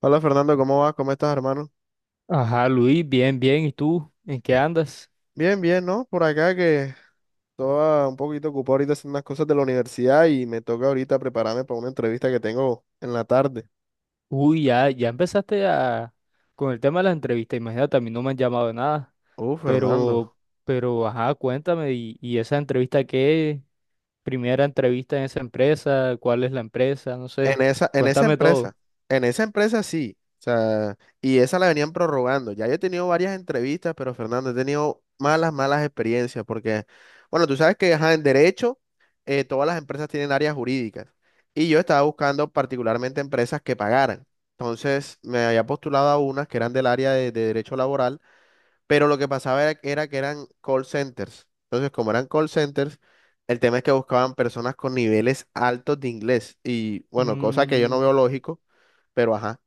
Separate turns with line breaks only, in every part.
Hola Fernando, ¿cómo vas? ¿Cómo estás, hermano?
Ajá, Luis, bien, bien. ¿Y tú? ¿En qué andas?
Bien, bien, ¿no? Por acá que estaba un poquito ocupado ahorita haciendo unas cosas de la universidad y me toca ahorita prepararme para una entrevista que tengo en la tarde.
Uy, ya empezaste a con el tema de las entrevistas. Imagínate, a mí no me han llamado de nada. Pero,
Fernando.
pero, ajá, cuéntame. ¿Y esa entrevista qué? Primera entrevista en esa empresa. ¿Cuál es la empresa? No sé.
En esa, en esa
Cuéntame todo.
empresa, en esa empresa sí. O sea, y esa la venían prorrogando. Ya yo he tenido varias entrevistas, pero Fernando, he tenido malas, malas experiencias porque, bueno, tú sabes que ajá, en derecho todas las empresas tienen áreas jurídicas y yo estaba buscando particularmente empresas que pagaran. Entonces me había postulado a unas que eran del área de derecho laboral. Pero lo que pasaba era que eran call centers. Entonces, como eran call centers, el tema es que buscaban personas con niveles altos de inglés. Y bueno, cosa que yo no
Mm,
veo lógico, pero ajá.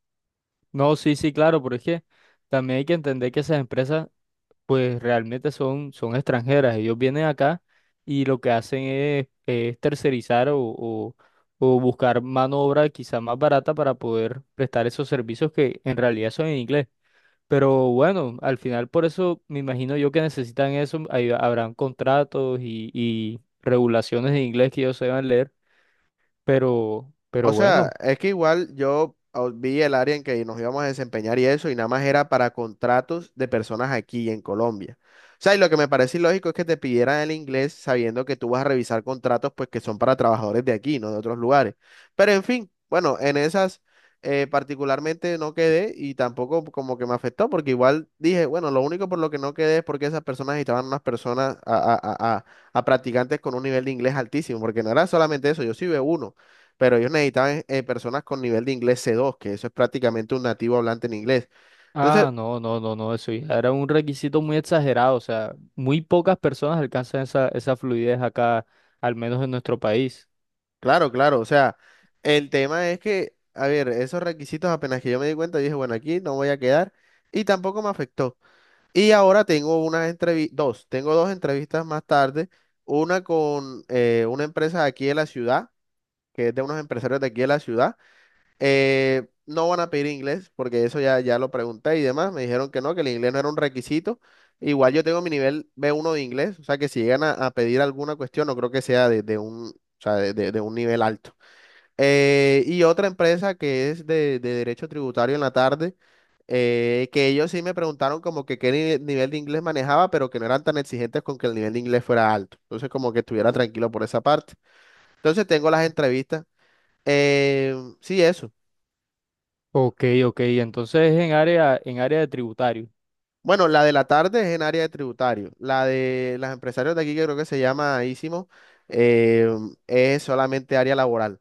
no, sí, sí, claro, pero es que también hay que entender que esas empresas pues realmente son extranjeras. Ellos vienen acá y lo que hacen es tercerizar o o buscar mano de obra quizá más barata para poder prestar esos servicios que en realidad son en inglés. Pero bueno, al final por eso me imagino yo que necesitan eso. Ahí habrán contratos y regulaciones en inglés que ellos se van a leer. Pero
O sea,
bueno.
es que igual yo vi el área en que nos íbamos a desempeñar y eso, y nada más era para contratos de personas aquí en Colombia. O sea, y lo que me parece ilógico es que te pidieran el inglés sabiendo que tú vas a revisar contratos pues que son para trabajadores de aquí, no de otros lugares. Pero en fin, bueno, en esas particularmente no quedé y tampoco como que me afectó porque igual dije, bueno, lo único por lo que no quedé es porque esas personas estaban unas personas a practicantes con un nivel de inglés altísimo, porque no era solamente eso, yo sí veo uno pero ellos necesitaban personas con nivel de inglés c dos que eso es prácticamente un nativo hablante en inglés. Entonces,
Ah, no, no, no, no, eso ya era un requisito muy exagerado, o sea, muy pocas personas alcanzan esa, esa fluidez acá, al menos en nuestro país.
claro, claro, o sea, el tema es que, a ver, esos requisitos apenas que yo me di cuenta, yo dije, bueno, aquí no voy a quedar y tampoco me afectó. Y ahora tengo unas entrevistas, dos, tengo dos entrevistas más tarde, una con una empresa de aquí de la ciudad, que es de unos empresarios de aquí de la ciudad. No van a pedir inglés porque eso ya, ya lo pregunté y demás. Me dijeron que no, que el inglés no era un requisito. Igual yo tengo mi nivel B1 de inglés, o sea que si llegan a pedir alguna cuestión, no creo que sea de un, o sea, de un nivel alto. Y otra empresa que es de derecho tributario en la tarde, que ellos sí me preguntaron como que qué nivel de inglés manejaba, pero que no eran tan exigentes con que el nivel de inglés fuera alto. Entonces como que estuviera tranquilo por esa parte. Entonces tengo las entrevistas. Eh, sí, eso.
Ok, ok, entonces es en área de tributario.
Bueno, la de la tarde es en área de tributario. La de los empresarios de aquí, que creo que se llama ISIMO, eh, es solamente área laboral.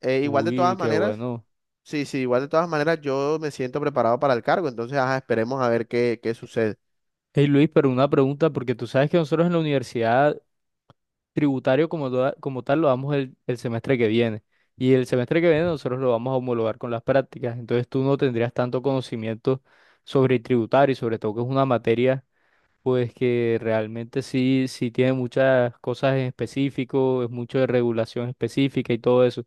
Igual de todas
Uy, qué
maneras,
bueno.
sí, sí, igual de todas maneras yo me siento preparado para el cargo, entonces ajá, esperemos a ver qué, qué sucede.
Hey Luis, pero una pregunta, porque tú sabes que nosotros en la universidad tributario como, toda- como tal lo damos el semestre que viene, y el semestre que viene nosotros lo vamos a homologar con las prácticas, entonces tú no tendrías tanto conocimiento sobre tributario, y sobre todo que es una materia. Pues que realmente sí, sí tiene muchas cosas en específico, es mucho de regulación específica y todo eso.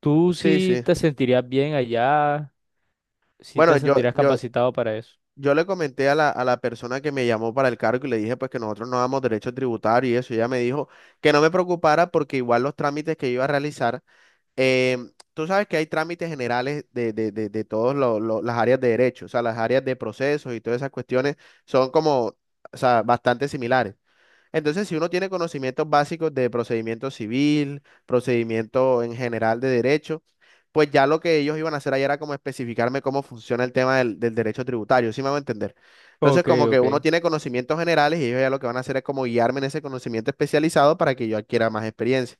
¿Tú
Sí,
sí
sí.
te sentirías bien allá? ¿Sí
Bueno,
te
yo,
sentirías
yo,
capacitado para eso?
yo le comenté a la persona que me llamó para el cargo y le dije pues que nosotros no damos derecho tributario y eso. Y ella me dijo que no me preocupara porque igual los trámites que iba a realizar. Tú sabes que hay trámites generales de todas las áreas de derecho, o sea, las áreas de procesos y todas esas cuestiones son como, o sea, bastante similares. Entonces, si uno tiene conocimientos básicos de procedimiento civil, procedimiento en general de derecho, pues ya lo que ellos iban a hacer ahí era como especificarme cómo funciona el tema del derecho tributario, ¿sí me va a entender? Entonces,
Ok,
como que
ok.
uno tiene conocimientos generales y ellos ya lo que van a hacer es como guiarme en ese conocimiento especializado para que yo adquiera más experiencia.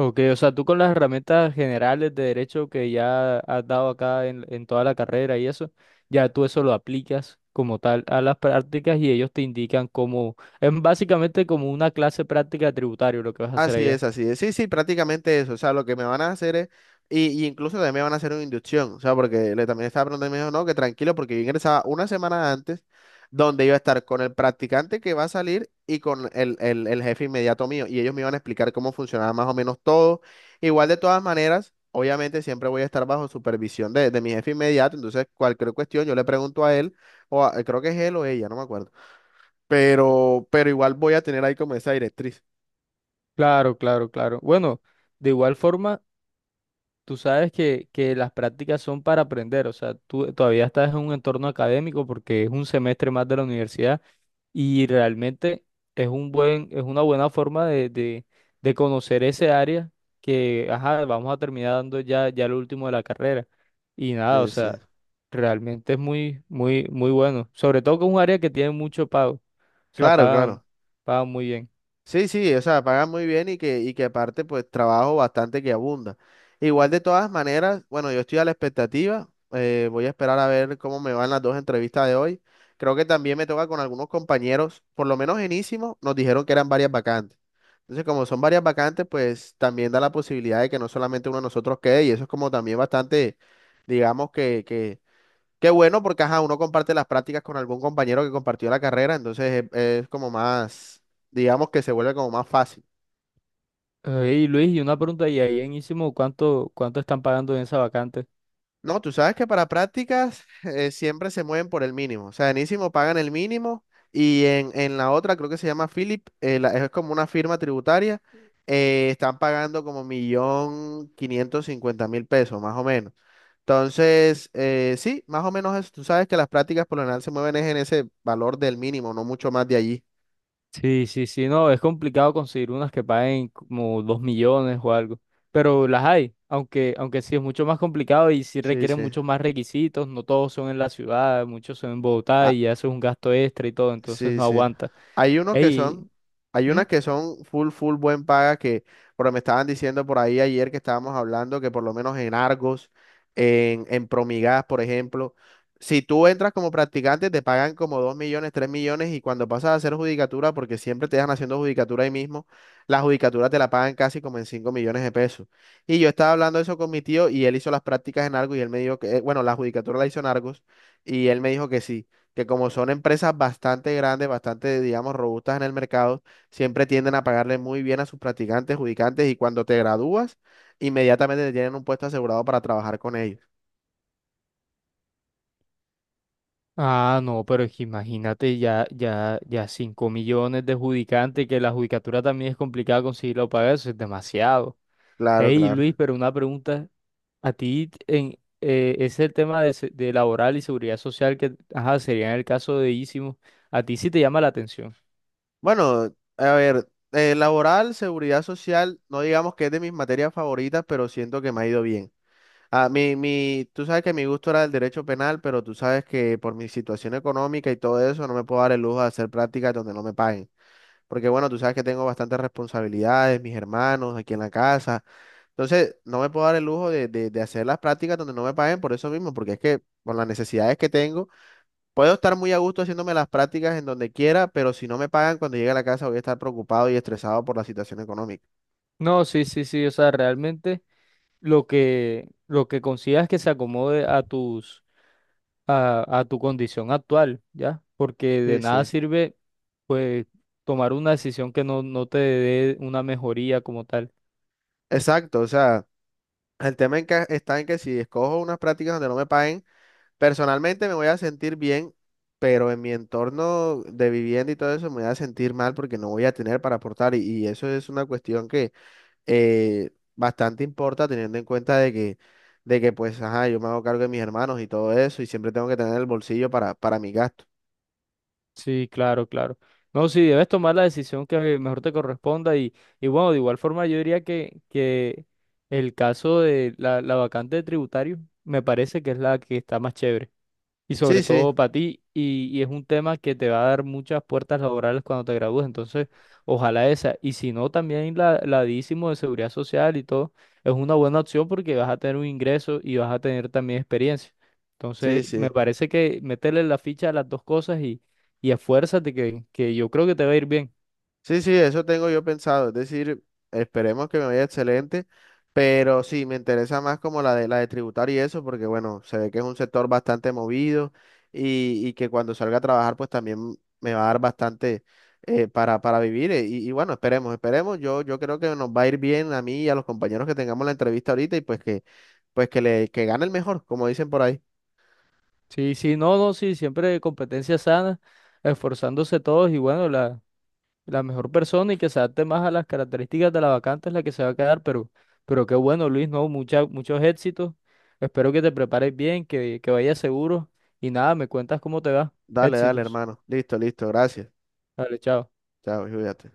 Ok, o sea, tú con las herramientas generales de derecho que ya has dado acá en toda la carrera y eso, ya tú eso lo aplicas como tal a las prácticas y ellos te indican cómo, es básicamente como una clase práctica tributaria lo que vas a hacer
Así
allá.
es, así es. Sí, sí, prácticamente eso. O sea, lo que me van a hacer es, y incluso también me van a hacer una inducción. O sea, porque le también estaba preguntando y me dijo, no, que tranquilo, porque yo ingresaba una semana antes, donde iba a estar con el practicante que va a salir y con el jefe inmediato mío. Y ellos me iban a explicar cómo funcionaba más o menos todo. Igual de todas maneras, obviamente siempre voy a estar bajo supervisión de mi jefe inmediato. Entonces, cualquier cuestión, yo le pregunto a él, o creo que es él o ella, no me acuerdo. Pero igual voy a tener ahí como esa directriz.
Claro, claro, claro. Bueno. De igual forma, tú sabes que las prácticas son para aprender, o sea, tú todavía estás en un entorno académico porque es un semestre más de la universidad y realmente es un buen, es una buena forma de de conocer ese área que, ajá, vamos a terminar dando ya, ya lo último de la carrera. Y nada, o
Sí, sí.
sea, realmente es muy, muy, muy bueno. Sobre todo que es un área que tiene mucho pago, o sea,
Claro,
pagan,
claro.
pagan muy bien.
Sí, sí, o sea, pagan muy bien y que aparte, pues, trabajo bastante que abunda. Igual de todas maneras, bueno, yo estoy a la expectativa. Voy a esperar a ver cómo me van las dos entrevistas de hoy. Creo que también me toca con algunos compañeros, por lo menos en Ísimo, nos dijeron que eran varias vacantes. Entonces, como son varias vacantes, pues también da la posibilidad de que no solamente uno de nosotros quede, y eso es como también bastante, digamos que qué bueno porque, ajá, uno comparte las prácticas con algún compañero que compartió la carrera, entonces es como más, digamos que se vuelve como más fácil.
Y Luis, y una pregunta, ¿y ahí en Ísimo cuánto, cuánto están pagando en esa vacante?
No, tú sabes que para prácticas siempre se mueven por el mínimo, o sea, en ISIMO pagan el mínimo y en la otra, creo que se llama Philip, es como una firma tributaria, están pagando como millón quinientos cincuenta mil pesos, más o menos. Entonces, sí, más o menos eso. Tú sabes que las prácticas por lo general se mueven es en ese valor del mínimo, no mucho más de allí.
Sí, sí, sí, no, es complicado conseguir unas que paguen como 2 millones o algo, pero las hay, aunque, aunque sí es mucho más complicado y sí
Sí,
requieren
sí.
muchos más requisitos, no todos son en la ciudad, muchos son en Bogotá y haces un gasto extra y todo, entonces
Sí,
no
sí.
aguanta.
Hay unos que son,
Ey,
hay
¿mm?
unas que son full, full buen paga que, pero me estaban diciendo por ahí ayer que estábamos hablando que por lo menos en Argos, en Promigas, por ejemplo, si tú entras como practicante te pagan como 2 millones, 3 millones y cuando pasas a hacer judicatura, porque siempre te dejan haciendo judicatura ahí mismo, la judicatura te la pagan casi como en 5 millones de pesos. Y yo estaba hablando eso con mi tío y él hizo las prácticas en Argos y él me dijo que, bueno, la judicatura la hizo en Argos y él me dijo que sí que como son empresas bastante grandes, bastante, digamos, robustas en el mercado, siempre tienden a pagarle muy bien a sus practicantes, judicantes, y cuando te gradúas, inmediatamente te tienen un puesto asegurado para trabajar con ellos.
Ah, no, pero es que imagínate ya 5 millones de adjudicantes, que la judicatura también es complicada conseguirlo para eso, es demasiado.
Claro,
Ey, Luis,
claro.
pero una pregunta, a ti en, es el tema de, se- de laboral y seguridad social que, ajá, sería en el caso de Ísimo. A ti sí te llama la atención.
Bueno, a ver, laboral, seguridad social, no digamos que es de mis materias favoritas, pero siento que me ha ido bien. Ah, tú sabes que mi gusto era el derecho penal, pero tú sabes que por mi situación económica y todo eso, no me puedo dar el lujo de hacer prácticas donde no me paguen. Porque bueno, tú sabes que tengo bastantes responsabilidades, mis hermanos aquí en la casa. Entonces, no me puedo dar el lujo de hacer las prácticas donde no me paguen por eso mismo, porque es que por las necesidades que tengo, puedo estar muy a gusto haciéndome las prácticas en donde quiera, pero si no me pagan cuando llegue a la casa voy a estar preocupado y estresado por la situación económica.
No, sí, sí, sí. O sea, realmente lo que consigas que se acomode a tus, a tu condición actual, ¿ya? Porque de
Sí,
nada
sí.
sirve, pues, tomar una decisión que no, no te dé una mejoría como tal.
Exacto, o sea, el tema en que está en que si escojo unas prácticas donde no me paguen, personalmente me voy a sentir bien, pero en mi entorno de vivienda y todo eso me voy a sentir mal porque no voy a tener para aportar. Y eso es una cuestión que bastante importa teniendo en cuenta de que pues, ajá, yo me hago cargo de mis hermanos y todo eso y siempre tengo que tener el bolsillo para mi gasto.
Sí, claro, claro. No, sí, debes tomar la decisión que mejor te corresponda y bueno, de igual forma yo diría que el caso de la vacante de tributario me parece que es la que está más chévere y
Sí,
sobre
sí,
todo para ti, y es un tema que te va a dar muchas puertas laborales cuando te gradúes, entonces ojalá esa, y si no, también la DICIMO de seguridad social y todo, es una buena opción porque vas a tener un ingreso y vas a tener también experiencia.
sí,
Entonces, me
sí.
parece que meterle la ficha a las dos cosas y esfuérzate, que yo creo que te va a ir bien.
Sí, sí, eso tengo yo pensado. Es decir, esperemos que me vaya excelente, pero sí, me interesa más como la de tributar y eso, porque bueno, se ve que es un sector bastante movido y que cuando salga a trabajar, pues también me va a dar bastante para vivir. Y bueno, esperemos, esperemos. Yo creo que nos va a ir bien a mí y a los compañeros que tengamos la entrevista ahorita y pues que le, que gane el mejor, como dicen por ahí.
Sí, sí, no, no, sí, siempre competencia sana, esforzándose todos y bueno, la la mejor persona y que se adapte más a las características de la vacante es la que se va a quedar, pero qué bueno, Luis, ¿no? Mucha- muchos éxitos. Espero que te prepares bien, que vayas seguro y nada, me cuentas cómo te va.
Dale, dale,
Éxitos.
hermano. Listo, listo, gracias.
Dale, chao.
Chao, cuídate.